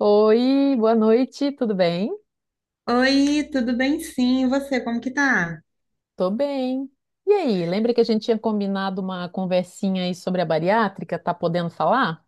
Oi, boa noite, tudo bem? Oi, tudo bem? Sim, e você, como que tá? Tô bem. E aí, lembra que a gente tinha combinado uma conversinha aí sobre a bariátrica? Tá podendo falar?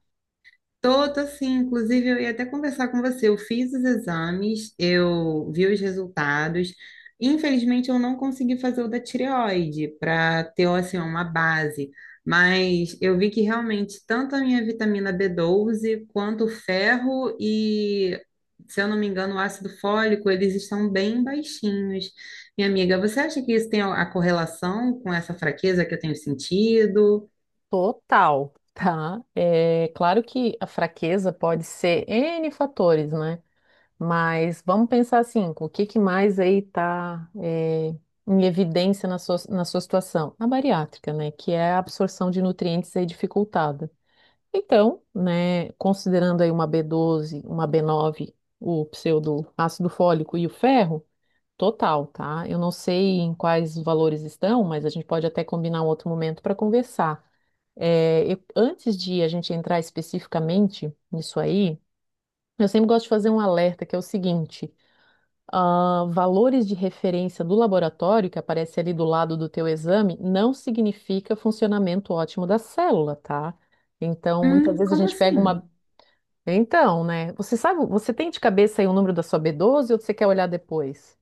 Tô sim, inclusive eu ia até conversar com você. Eu fiz os exames, eu vi os resultados. Infelizmente eu não consegui fazer o da tireoide para ter assim uma base, mas eu vi que realmente tanto a minha vitamina b doze quanto o ferro e, se eu não me engano, o ácido fólico, eles estão bem baixinhos. Minha amiga, você acha que isso tem a correlação com essa fraqueza que eu tenho sentido? Total, tá? É claro que a fraqueza pode ser N fatores, né? Mas vamos pensar assim, o que que mais aí tá é, em evidência na sua situação? A bariátrica, né? Que é a absorção de nutrientes aí dificultada. Então, né, considerando aí uma B12, uma B9, o pseudo ácido fólico e o ferro, total, tá? Eu não sei em quais valores estão, mas a gente pode até combinar um outro momento para conversar. É, antes de a gente entrar especificamente nisso aí, eu sempre gosto de fazer um alerta que é o seguinte: valores de referência do laboratório que aparece ali do lado do teu exame não significa funcionamento ótimo da célula, tá? Então, muitas vezes a Como gente pega assim? uma então, né? Você sabe, você tem de cabeça aí o número da sua B12 ou você quer olhar depois?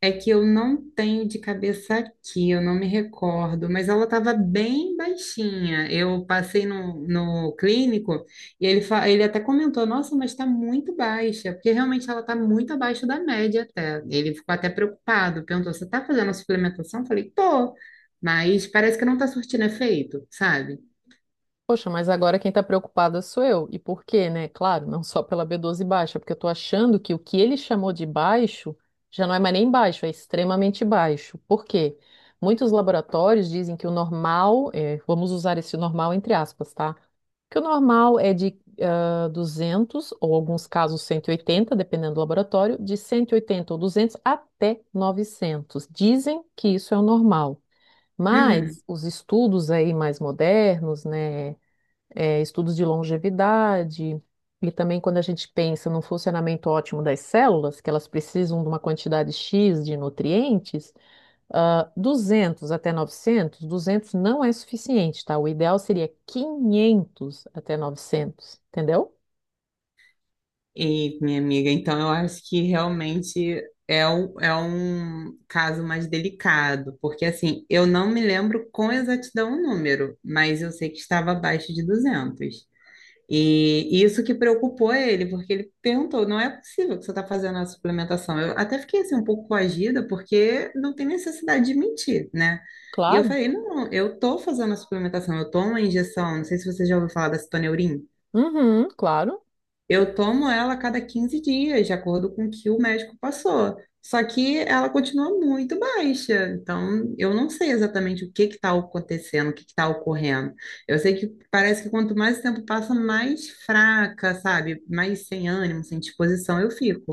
É que eu não tenho de cabeça aqui, eu não me recordo, mas ela estava bem baixinha. Eu passei no clínico e ele, ele até comentou: Nossa, mas está muito baixa, porque realmente ela está muito abaixo da média até. Ele ficou até preocupado, perguntou: Você está fazendo a suplementação? Eu falei: Tô, mas parece que não está surtindo efeito, sabe? Poxa, mas agora quem está preocupada sou eu. E por quê, né? Claro, não só pela B12 baixa, porque eu estou achando que o que ele chamou de baixo já não é mais nem baixo, é extremamente baixo. Por quê? Muitos laboratórios dizem que o normal, é, vamos usar esse normal entre aspas, tá? Que o normal é de 200, ou alguns casos 180, dependendo do laboratório, de 180 ou 200 até 900. Dizem que isso é o normal. Uhum. Mas os estudos aí mais modernos, né? Estudos de longevidade, e também quando a gente pensa no funcionamento ótimo das células, que elas precisam de uma quantidade X de nutrientes, 200 até 900, 200 não é suficiente, tá? O ideal seria 500 até 900, entendeu? E, minha amiga, então eu acho que realmente é um caso mais delicado, porque assim, eu não me lembro com exatidão o número, mas eu sei que estava abaixo de duzentos. E isso que preocupou ele, porque ele perguntou, não é possível que você está fazendo a suplementação. Eu até fiquei assim um pouco coagida, porque não tem necessidade de mentir, né? E eu Claro. falei, não, eu tô fazendo a suplementação, eu tomo a injeção, não sei se você já ouviu falar da citoneurin. Uhum, claro. Eu tomo ela a cada 15 dias, de acordo com o que o médico passou. Só que ela continua muito baixa. Então, eu não sei exatamente o que está acontecendo, o que está ocorrendo. Eu sei que parece que quanto mais o tempo passa, mais fraca, sabe? Mais sem ânimo, sem disposição eu fico.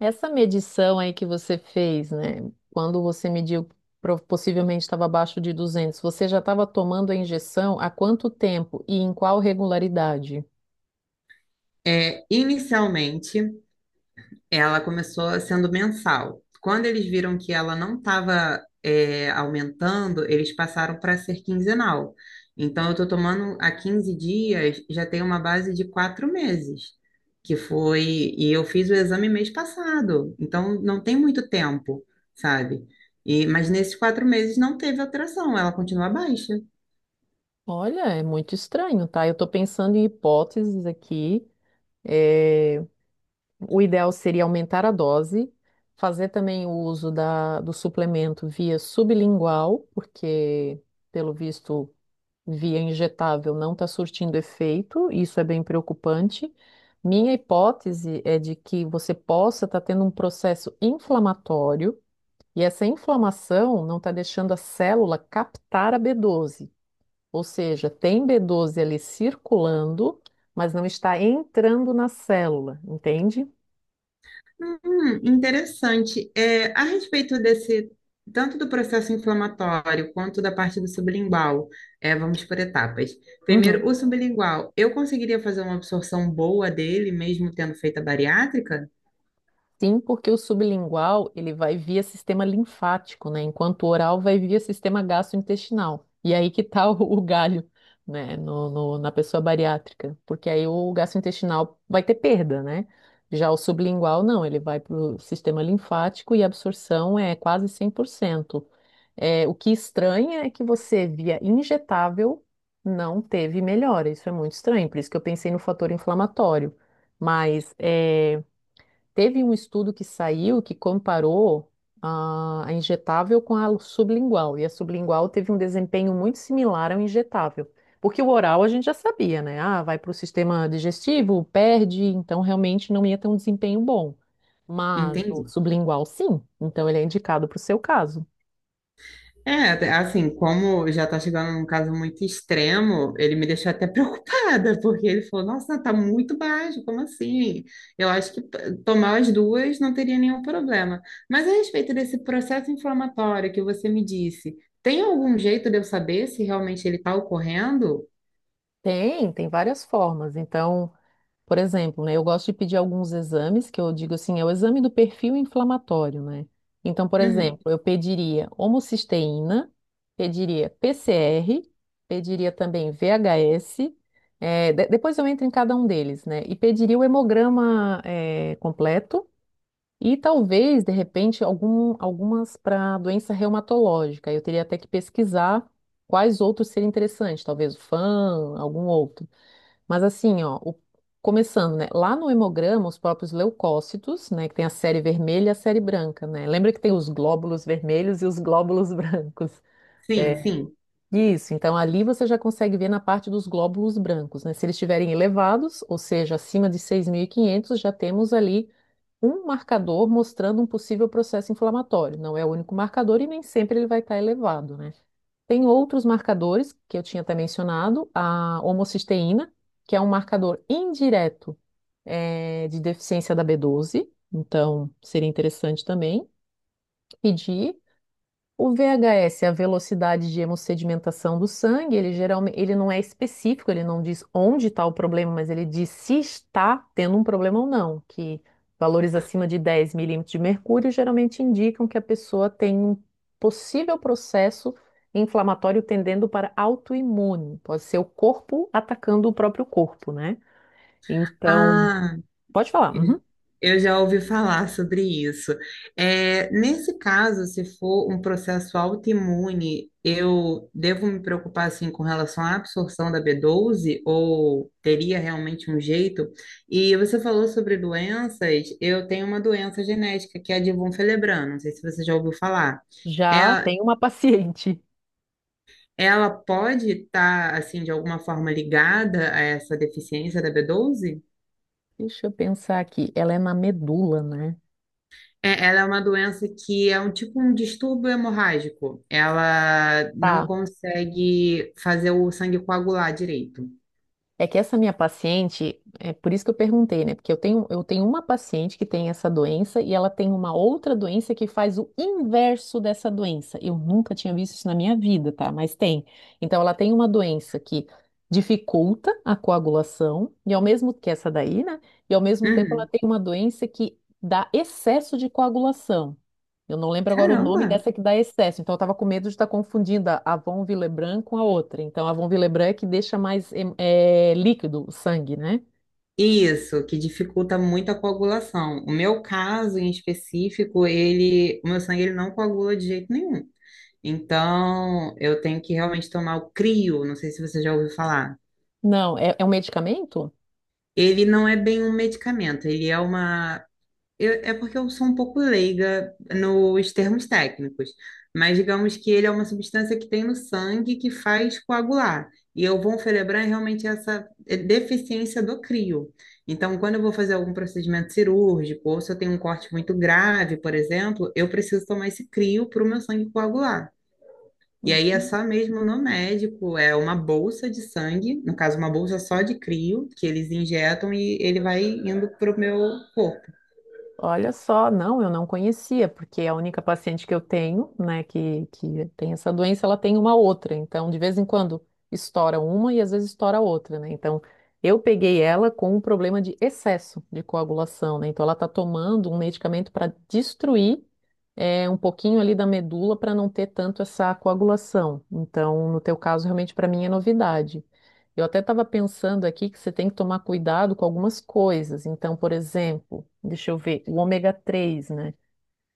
Essa medição aí que você fez, né? Quando você mediu, possivelmente estava abaixo de 200, você já estava tomando a injeção há quanto tempo e em qual regularidade? É, inicialmente. Ela começou sendo mensal. Quando eles viram que ela não estava aumentando, eles passaram para ser quinzenal. Então, eu estou tomando há 15 dias, já tem uma base de quatro meses, que foi. E eu fiz o exame mês passado, então não tem muito tempo, sabe? E, mas nesses quatro meses não teve alteração, ela continua baixa. Olha, é muito estranho, tá? Eu estou pensando em hipóteses aqui. É, o ideal seria aumentar a dose, fazer também o uso do suplemento via sublingual, porque, pelo visto, via injetável não está surtindo efeito, isso é bem preocupante. Minha hipótese é de que você possa estar tendo um processo inflamatório, e essa inflamação não está deixando a célula captar a B12. Ou seja, tem B12 ali circulando, mas não está entrando na célula, entende? Interessante. É, a respeito desse, tanto do processo inflamatório quanto da parte do sublingual, é, vamos por etapas. Uhum. Primeiro, o sublingual, eu conseguiria fazer uma absorção boa dele, mesmo tendo feito a bariátrica? Sim, porque o sublingual ele vai via sistema linfático, né? Enquanto o oral vai via sistema gastrointestinal. E aí que tá o galho, né? Na pessoa bariátrica, porque aí o gastrointestinal vai ter perda, né? Já o sublingual não, ele vai para o sistema linfático e a absorção é quase 100%. É, o que estranha é que você via injetável não teve melhora. Isso é muito estranho, por isso que eu pensei no fator inflamatório. Mas é, teve um estudo que saiu que comparou a injetável com a sublingual, e a sublingual teve um desempenho muito similar ao injetável. Porque o oral a gente já sabia, né? Ah, vai para o sistema digestivo, perde, então realmente não ia ter um desempenho bom. Mas o Entendi. sublingual, sim, então ele é indicado para o seu caso. É, assim, como já tá chegando num caso muito extremo, ele me deixou até preocupada, porque ele falou, nossa, tá muito baixo, como assim? Eu acho que tomar as duas não teria nenhum problema. Mas a respeito desse processo inflamatório que você me disse, tem algum jeito de eu saber se realmente ele tá ocorrendo? Tem várias formas. Então. Por exemplo, né, eu gosto de pedir alguns exames, que eu digo assim, é o exame do perfil inflamatório, né? Então, por exemplo, Uhum, eu pediria homocisteína, pediria PCR, pediria também VHS, depois eu entro em cada um deles, né? E pediria o hemograma, completo e talvez, de repente, algumas para doença reumatológica. Eu teria até que pesquisar quais outros seriam interessantes, talvez o FAM, algum outro. Mas assim, ó, começando, né? Lá no hemograma, os próprios leucócitos, né? Que tem a série vermelha e a série branca, né? Lembra que tem os glóbulos vermelhos e os glóbulos brancos. sim, É, sim. isso, então ali você já consegue ver na parte dos glóbulos brancos, né? Se eles estiverem elevados, ou seja, acima de 6.500, já temos ali um marcador mostrando um possível processo inflamatório. Não é o único marcador e nem sempre ele vai estar elevado, né? Tem outros marcadores que eu tinha até mencionado, a homocisteína, que é um marcador indireto de deficiência da B12, então seria interessante também pedir. O VHS é a velocidade de hemossedimentação do sangue. Ele geralmente, ele não é específico, ele não diz onde está o problema, mas ele diz se está tendo um problema ou não. Que valores acima de 10 mmHg geralmente indicam que a pessoa tem um possível processo inflamatório tendendo para autoimune. Pode ser o corpo atacando o próprio corpo, né? Então, Ah. pode falar. Eu Uhum. eu já ouvi falar sobre isso. É, nesse caso, se for um processo autoimune, eu devo me preocupar assim com relação à absorção da b doze ou teria realmente um jeito? E você falou sobre doenças. Eu tenho uma doença genética que é a de von Willebrand. Não sei se você já ouviu falar. Já Ela, tem uma paciente. ela pode estar assim de alguma forma ligada a essa deficiência da b doze? Deixa eu pensar aqui. Ela é na medula, né? É, ela é uma doença que é um tipo um distúrbio hemorrágico. Ela não Tá. consegue fazer o sangue coagular direito. É que essa minha paciente, é por isso que eu perguntei, né? Porque eu tenho uma paciente que tem essa doença e ela tem uma outra doença que faz o inverso dessa doença. Eu nunca tinha visto isso na minha vida, tá? Mas tem. Então, ela tem uma doença que dificulta a coagulação, e ao mesmo que essa daí, né? E ao mesmo tempo ela Uhum. tem uma doença que dá excesso de coagulação. Eu não lembro agora o nome Caramba! dessa que dá excesso, então eu estava com medo de estar confundindo a Avon Villebranc com a outra. Então, a Avon Villebranc é que deixa mais líquido o sangue, né? Isso, que dificulta muito a coagulação. O meu caso em específico, ele, o meu sangue ele não coagula de jeito nenhum. Então, eu tenho que realmente tomar o Crio, não sei se você já ouviu falar. Não, é um medicamento? Ele não é bem um medicamento, ele é uma. É porque eu sou um pouco leiga nos termos técnicos, mas digamos que ele é uma substância que tem no sangue que faz coagular. E eu vou celebrar realmente essa deficiência do crio. Então, quando eu vou fazer algum procedimento cirúrgico, ou se eu tenho um corte muito grave, por exemplo, eu preciso tomar esse crio para o meu sangue coagular. E aí é só mesmo no médico, é uma bolsa de sangue, no caso, uma bolsa só de crio, que eles injetam e ele vai indo para o meu corpo. Olha só, não, eu não conhecia, porque a única paciente que eu tenho, né, que tem essa doença, ela tem uma outra. Então, de vez em quando estoura uma e às vezes estoura outra, né? Então, eu peguei ela com um problema de excesso de coagulação, né? Então, ela tá tomando um medicamento para destruir um pouquinho ali da medula para não ter tanto essa coagulação. Então, no teu caso, realmente para mim é novidade. Eu até estava pensando aqui que você tem que tomar cuidado com algumas coisas. Então, por exemplo, deixa eu ver, o ômega 3, né?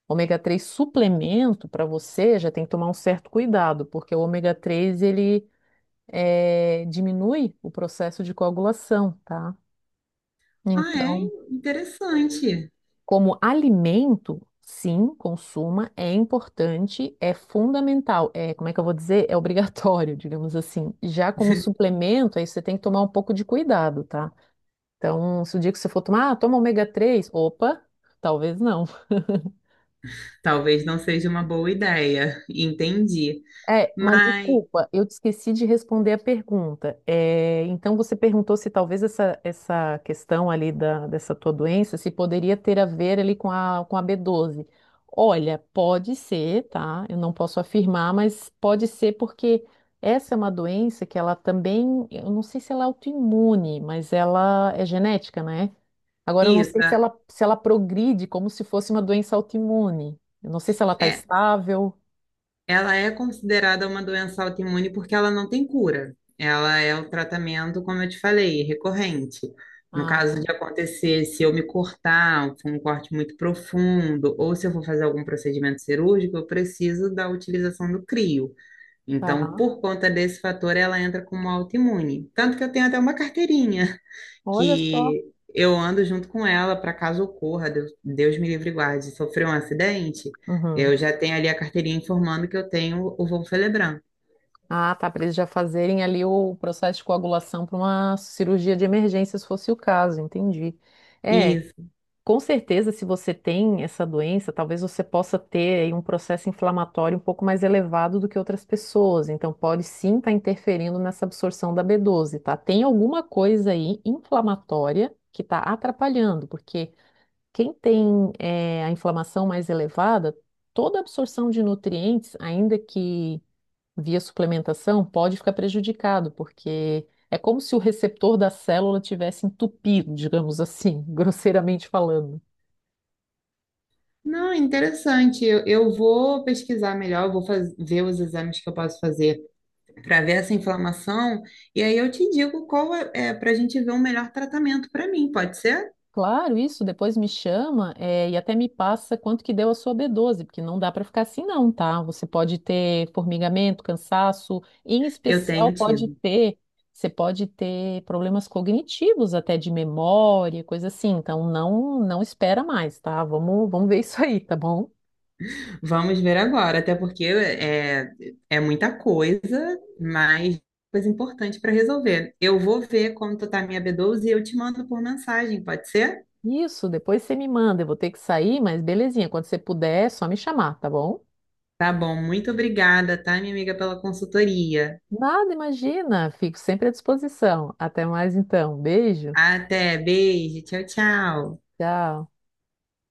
Ômega 3 suplemento para você já tem que tomar um certo cuidado, porque o ômega 3 ele diminui o processo de coagulação, tá? Ah, é Então, interessante. como alimento, sim, consuma, é importante, é fundamental, é, como é que eu vou dizer? É obrigatório, digamos assim. Já como suplemento, aí você tem que tomar um pouco de cuidado, tá? Então, se o dia que você for tomar, ah, toma ômega 3. Opa, talvez não. Talvez não seja uma boa ideia, entendi. É, mas Mas desculpa, eu te esqueci de responder a pergunta. É, então, você perguntou se talvez essa questão ali dessa tua doença, se poderia ter a ver ali com a, B12. Olha, pode ser, tá? Eu não posso afirmar, mas pode ser porque essa é uma doença que ela também, eu não sei se ela é autoimune, mas ela é genética, né? Agora, eu não isso sei se ela progride como se fosse uma doença autoimune. Eu não sei se ela está é, estável. ela é considerada uma doença autoimune porque ela não tem cura. Ela é o tratamento, como eu te falei, recorrente. No Ah, caso tá. de acontecer, se eu me cortar, for um corte muito profundo, ou se eu for fazer algum procedimento cirúrgico, eu preciso da utilização do crio. Então, Tá. por conta desse fator, ela entra como autoimune. Tanto que eu tenho até uma carteirinha. Olha só. Que eu ando junto com ela para caso ocorra, Deus, Deus me livre e guarde, sofreu um acidente, Uhum. eu já tenho ali a carteirinha informando que eu tenho o voo Felebran. Ah, tá. Para eles já fazerem ali o processo de coagulação para uma cirurgia de emergência, se fosse o caso, entendi. É, Isso. com certeza, se você tem essa doença, talvez você possa ter aí um processo inflamatório um pouco mais elevado do que outras pessoas. Então, pode sim estar interferindo nessa absorção da B12, tá? Tem alguma coisa aí inflamatória que está atrapalhando, porque quem tem a inflamação mais elevada, toda a absorção de nutrientes, ainda que via suplementação, pode ficar prejudicado, porque é como se o receptor da célula tivesse entupido, digamos assim, grosseiramente falando. Não, interessante. Eu vou pesquisar melhor, eu vou ver os exames que eu posso fazer para ver essa inflamação e aí eu te digo qual é, para a gente ver um melhor tratamento para mim, pode ser? Claro, isso, depois me chama, e até me passa quanto que deu a sua B12, porque não dá para ficar assim não, tá? Você pode ter formigamento, cansaço, em Eu especial tenho pode tido. ter, você pode ter problemas cognitivos, até de memória, coisa assim. Então não, espera mais, tá? Vamos ver isso aí, tá bom? Vamos ver agora, até porque é, muita coisa, mas coisa importante para resolver. Eu vou ver como tu tá a minha B12 e eu te mando por mensagem, pode ser? Isso, depois você me manda, eu vou ter que sair, mas belezinha, quando você puder, é só me chamar, tá bom? Tá bom, muito obrigada, tá, minha amiga, pela consultoria. Nada, imagina, fico sempre à disposição. Até mais então, beijo, Até, beijo, tchau, tchau. tchau.